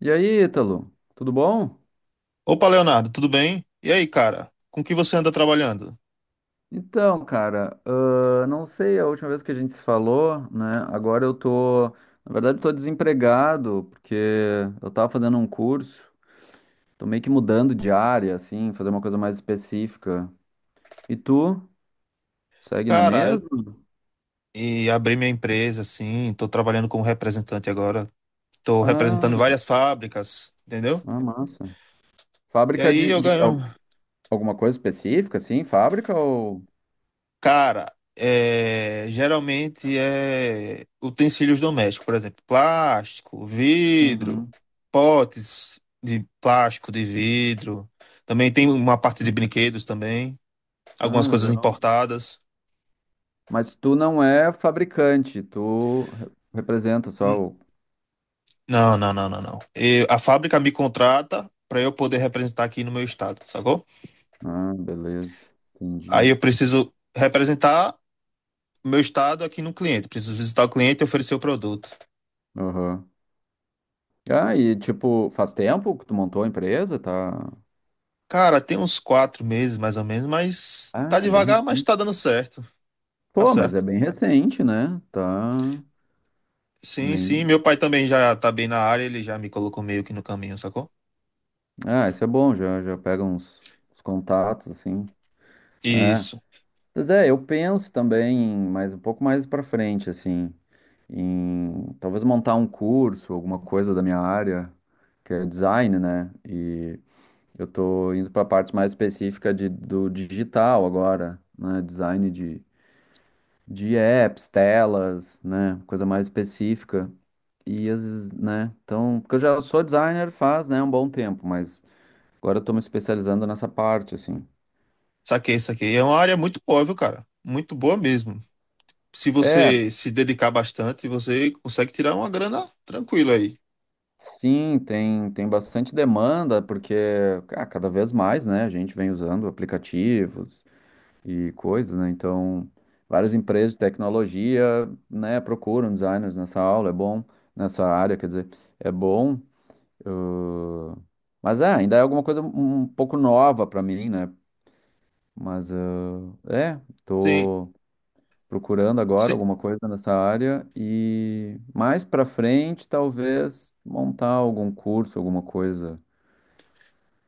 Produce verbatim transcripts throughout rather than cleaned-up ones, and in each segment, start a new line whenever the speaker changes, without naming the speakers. E aí, Ítalo, tudo bom?
Opa, Leonardo, tudo bem? E aí, cara? Com que você anda trabalhando?
Então, cara, ah, não sei a última vez que a gente se falou, né? Agora eu tô, na verdade, eu tô desempregado, porque eu tava fazendo um curso, tô meio que mudando de área, assim, fazer uma coisa mais específica. E tu, segue na
Cara, eu
mesma?
e abri minha empresa, assim, tô trabalhando como representante agora. Tô
Ah,
representando várias fábricas, entendeu?
ah, massa.
E
Fábrica
aí
de,
eu
de
ganho.
al- alguma coisa específica, assim, fábrica ou...
Cara, é, geralmente é utensílios domésticos, por exemplo, plástico, vidro,
Uhum.
potes de plástico, de vidro. Também tem uma parte de brinquedos também, algumas
Ah,
coisas
legal.
importadas.
Mas tu não é fabricante, tu re- representa só o...
Não, não, não, não, não. Eu- a fábrica me contrata para eu poder representar aqui no meu estado, sacou?
Ah, beleza.
Aí
Entendi.
eu preciso representar meu estado aqui no cliente. Preciso visitar o cliente e oferecer o produto.
Aham. Ah, e tipo, faz tempo que tu montou a empresa, tá?
Cara, tem uns quatro meses mais ou menos, mas tá
Ah, é bem
devagar, mas
recente.
tá dando certo. Tá
Pô, mas é
certo.
bem recente, né? Tá.
Sim, sim.
Nem...
Meu pai também já tá bem na área, ele já me colocou meio que no caminho, sacou?
Ah, isso é bom, já, já pega uns, uns contatos, assim. É.
Isso.
Mas é, eu penso também, mas um pouco mais pra frente, assim, em talvez montar um curso, alguma coisa da minha área, que é design, né? E eu tô indo para partes mais específicas de, do digital agora, né? Design de, de apps, telas, né? Coisa mais específica. E às vezes, né? Então, porque eu já sou designer faz, né, um bom tempo, mas agora eu tô me especializando nessa parte, assim.
Saquei, saquei. É uma área muito boa, viu, cara? Muito boa mesmo. Se
É,
você se dedicar bastante, você consegue tirar uma grana tranquila aí.
sim, tem, tem bastante demanda, porque ah, cada vez mais, né? A gente vem usando aplicativos e coisas, né? Então, várias empresas de tecnologia, né, procuram designers nessa aula, é bom nessa área, quer dizer, é bom. ãh, mas é, ainda é alguma coisa um um pouco nova para mim, né? Mas ãh, é,
Sim,
tô procurando agora
Si-
alguma coisa nessa área e mais para frente talvez montar algum curso, alguma coisa.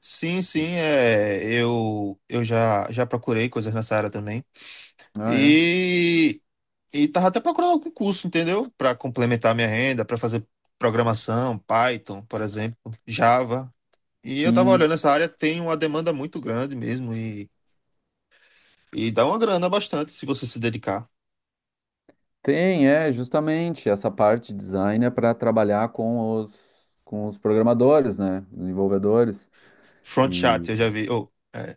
sim, sim, é, eu, eu já, já procurei coisas nessa área também.
Ah, é.
E, e tava até procurando algum curso, entendeu? Para complementar minha renda, para fazer programação, Python, por exemplo, Java. E eu tava
Sim.
olhando essa área, tem uma demanda muito grande mesmo e, e dá uma grana bastante se você se dedicar.
Tem, é, justamente essa parte de design é para trabalhar com os, com os programadores, né? Desenvolvedores
Front chat,
e
eu já vi. Oh, é,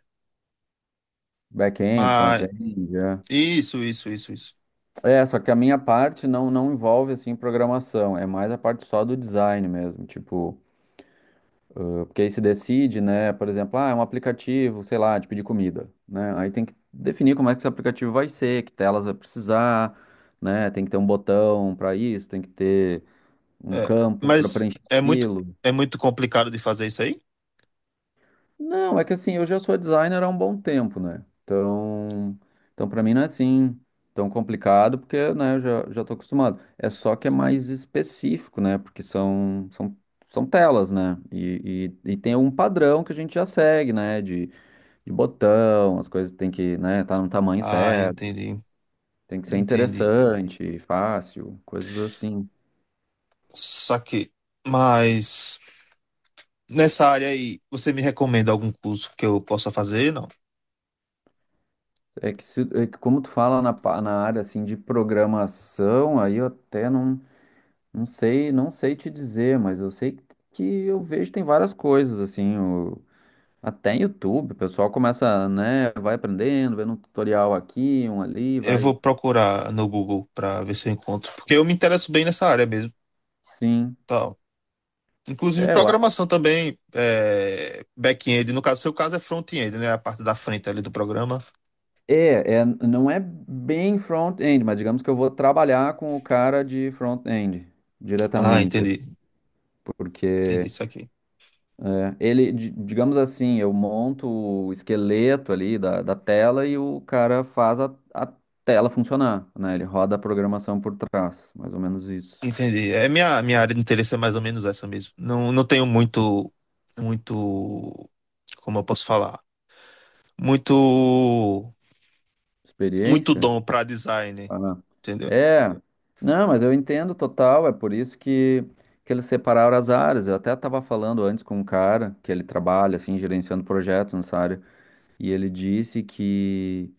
back-end,
mas
front-end, é.
isso, isso, isso, isso.
É, só que a minha parte não, não envolve assim programação, é mais a parte só do design mesmo, tipo, porque aí se decide, né, por exemplo, ah, é um aplicativo, sei lá, de pedir comida, né? Aí tem que definir como é que esse aplicativo vai ser, que telas vai precisar, né? Tem que ter um botão para isso, tem que ter um
É,
campo para
mas
preencher
é muito,
aquilo.
é muito complicado de fazer isso aí?
Não, é que assim, eu já sou designer há um bom tempo, né? Então, então para mim não é assim tão complicado, porque, né, eu já, já tô acostumado. É só que é mais específico, né? Porque são, são, são telas, né? E, e, e tem um padrão que a gente já segue, né? De, de botão, as coisas tem que, né, tá no tamanho
Ah,
certo,
entendi.
tem que ser
Entendi.
interessante, fácil, coisas assim.
Saquei. Mas nessa área aí, você me recomenda algum curso que eu possa fazer? Não.
É que, se- é que como tu fala na, pa- na área, assim, de programação, aí eu até não... Não sei, não sei te dizer, mas eu sei que eu vejo tem várias coisas assim, o- até em YouTube, o pessoal começa, né, vai aprendendo, vendo um tutorial aqui, um ali,
Eu
vai.
vou procurar no Google para ver se eu encontro, porque eu me interesso bem nessa área mesmo,
Sim.
tal. Inclusive
É, eu acho.
programação também, é, back-end, no caso, seu caso é front-end, né? A parte da frente ali do programa.
É, é, não é bem front-end, mas digamos que eu vou trabalhar com o cara de front-end
Ah,
diretamente,
entendi. Entendi
porque
isso aqui.
é, ele, di- digamos assim, eu monto o esqueleto ali da, da tela e o cara faz a, a tela funcionar, né? Ele roda a programação por trás, mais ou menos isso.
Entendi. É, minha minha área de interesse é mais ou menos essa mesmo. Não, não tenho muito muito como eu posso falar? Muito muito
Experiência?
dom para design,
Ah,
entendeu?
é, não, mas eu entendo total, é por isso que, que eles separaram as áreas. Eu até estava falando antes com um cara que ele trabalha, assim, gerenciando projetos nessa área, e ele disse que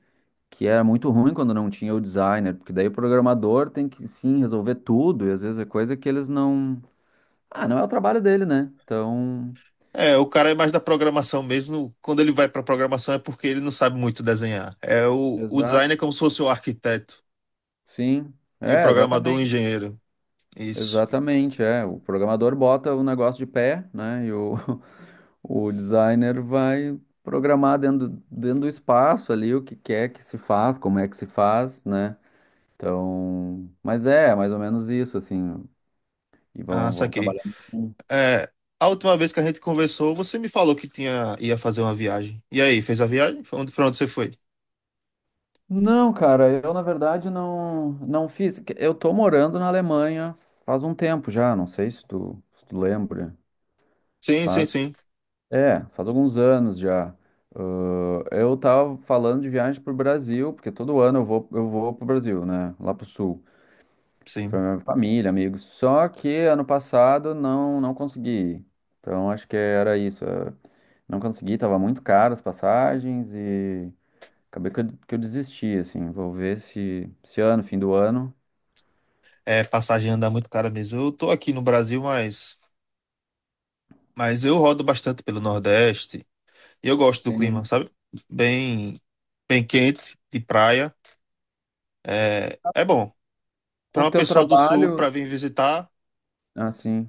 que era muito ruim quando não tinha o designer, porque daí o programador tem que sim resolver tudo, e às vezes é coisa que eles não. Ah, não é o trabalho dele, né? Então,
É, o cara é mais da programação mesmo. Quando ele vai para programação é porque ele não sabe muito desenhar. É o, o design
exato.
é como se fosse o arquiteto
Sim.
e o
É,
programador o
exatamente.
engenheiro. Isso.
Exatamente, é. O programador bota o negócio de pé, né? E o, o designer vai programar dentro, dentro do espaço ali o que quer que se faz, como é que se faz, né? Então, mas é, mais ou menos isso, assim. E
Ah,
vão, vão
saquei.
trabalhando.
É, a última vez que a gente conversou, você me falou que tinha ia fazer uma viagem. E aí, fez a viagem? Pra onde, pra onde você foi?
Não, cara, eu na verdade não, não fiz. Eu tô morando na Alemanha faz um tempo já, não sei se tu, se tu lembra.
Sim, sim,
Faz,
sim,
é, faz alguns anos já. Ahn, eu tava falando de viagem pro Brasil, porque todo ano eu vou, eu vou pro Brasil, né? Lá pro sul. Pra
sim.
minha família, amigos. Só que ano passado não, não consegui ir. Então acho que era isso. eh, Não consegui, tava muito caro as passagens e... Acabei que eu, que eu desisti, assim. Vou ver se esse ano, fim do ano.
É, passagem anda muito cara mesmo. Eu tô aqui no Brasil, mas mas eu rodo bastante pelo Nordeste. Eu gosto do clima,
Sim.
sabe? Bem, bem quente, de praia. É, é bom.
Com
Para
o
uma
teu
pessoa do sul,
trabalho,
para vir visitar,
assim.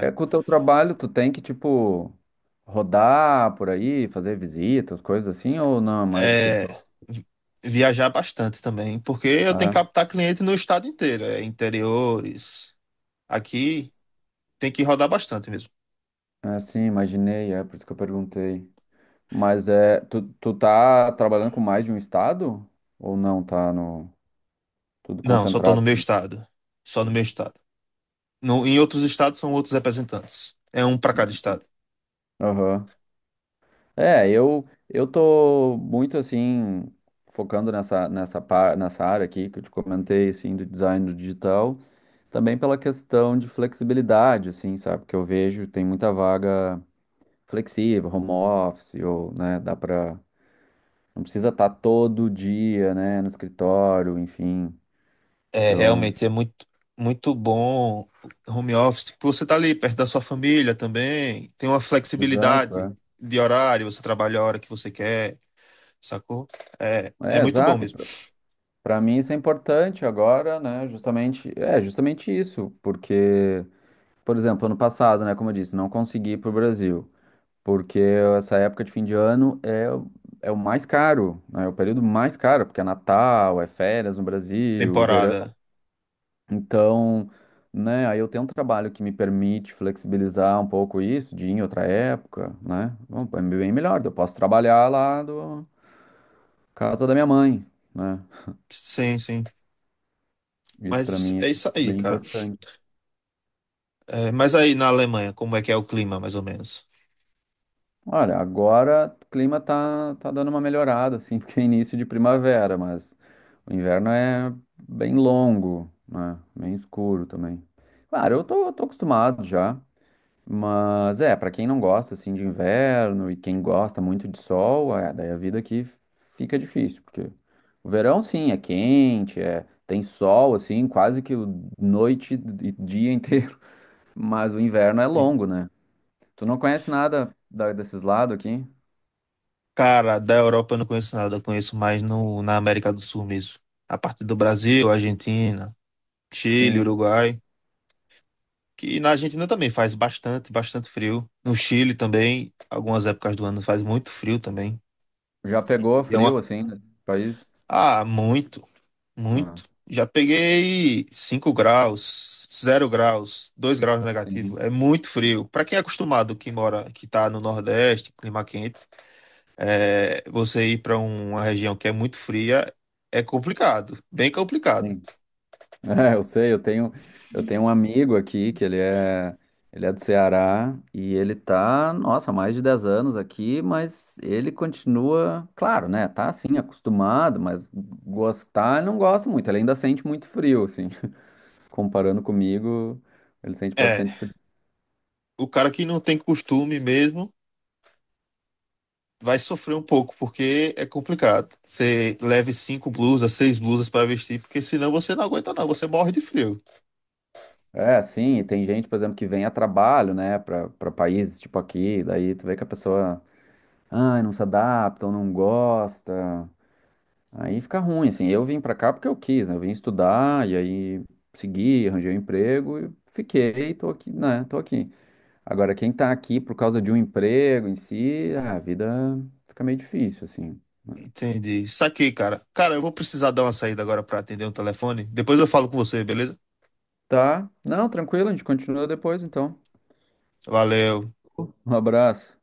É, com o teu trabalho, tu tem que, tipo, rodar por aí, fazer visitas, coisas assim, ou não? É mais
é
escritório.
vi- viajar bastante também, porque eu tenho
É,
que captar cliente no estado inteiro, é, interiores. Aqui tem que rodar bastante mesmo.
é, sim, imaginei, é por isso que eu perguntei. Mas é, tu, tu tá trabalhando com mais de um estado? Ou não? Tá no, tudo
Não, só tô
concentrado
no meu
aí?
estado. Só no meu estado. No, Em outros estados são outros representantes. É um para cada estado.
Aham. É, eu eu tô muito assim focando nessa nessa par- nessa área aqui que eu te comentei assim do design do digital, também pela questão de flexibilidade, assim, sabe? Que eu vejo tem muita vaga flexível, home office ou, né, dá pra não precisa estar todo dia, né, no escritório, enfim.
É,
Então,
realmente é muito, muito bom o home office, porque você tá ali perto da sua família também, tem uma
exato,
flexibilidade
é.
de horário, você trabalha a hora que você quer, sacou? É, é
É,
muito bom
exato.
mesmo.
Para mim isso é importante agora, né? Justamente, é justamente isso, porque por exemplo, ano passado, né, como eu disse, não consegui ir para Brasil, porque essa época de fim de ano é, o- é o mais caro, né, é o período mais caro, porque é Natal, é férias no Brasil, verão.
Temporada.
Então, né, aí eu tenho um trabalho que me permite flexibilizar um pouco isso, de ir em outra época, né? Bom, é bem melhor, eu posso trabalhar lá do casa da minha mãe, né?
Sim, sim.
Isso para
Mas
mim é
é isso aí,
bem
cara.
importante.
É, mas aí na Alemanha, como é que é o clima, mais ou menos?
Olha, agora o clima tá, tá dando uma melhorada, assim, porque é início de primavera, mas o inverno é bem longo, né? Bem escuro também. Claro, eu tô, eu tô acostumado já, mas é, pra quem não gosta, assim, de inverno e quem gosta muito de sol, é, daí a vida aqui fica difícil, porque o verão, sim, é quente, é, tem sol, assim, quase que o- noite e dia inteiro, mas o inverno é
Sim.
longo, né? Tu não conhece nada da- desses lados aqui?
Cara, da Europa eu não conheço nada, eu conheço mais no, na América do Sul mesmo. A parte do Brasil, Argentina, Chile,
Sim.
Uruguai. Que na Argentina também faz bastante, bastante frio. No Chile também, algumas épocas do ano faz muito frio também.
Já pegou
E é
frio
uma...
assim, no país?
Ah, muito, muito.
Ah,
Já peguei cinco graus, zero graus, dois graus negativo.
sim,
É muito frio. Para quem é acostumado, que mora, que tá no Nordeste, clima quente, é, você ir para uma região que é muito fria é complicado, bem complicado.
sim. É, eu sei, eu tenho, eu tenho um amigo aqui que ele é, ele é do Ceará e ele tá, nossa, há mais de dez anos aqui, mas ele continua, claro, né? Tá assim, acostumado, mas gostar ele não gosta muito, ele ainda sente muito frio, assim. Comparando comigo, ele sente
É,
bastante frio.
o cara que não tem costume mesmo vai sofrer um pouco, porque é complicado. Você leve cinco blusas, seis blusas para vestir, porque senão você não aguenta, não. Você morre de frio.
É, sim, e tem gente, por exemplo, que vem a trabalho, né, para para países tipo aqui, daí tu vê que a pessoa... Ah, não se adapta ou não gosta. Aí fica ruim, assim. Eu vim pra cá porque eu quis, né? Eu vim estudar e aí segui, arranjei um emprego e fiquei, tô aqui, né? Tô aqui. Agora, quem tá aqui por causa de um emprego em si, ah, a vida fica meio difícil, assim, né?
Entendi. Saquei, cara. Cara, eu vou precisar dar uma saída agora para atender um telefone. Depois eu falo com você, beleza?
Tá? Não, tranquilo, a gente continua depois, então.
Valeu.
Um abraço.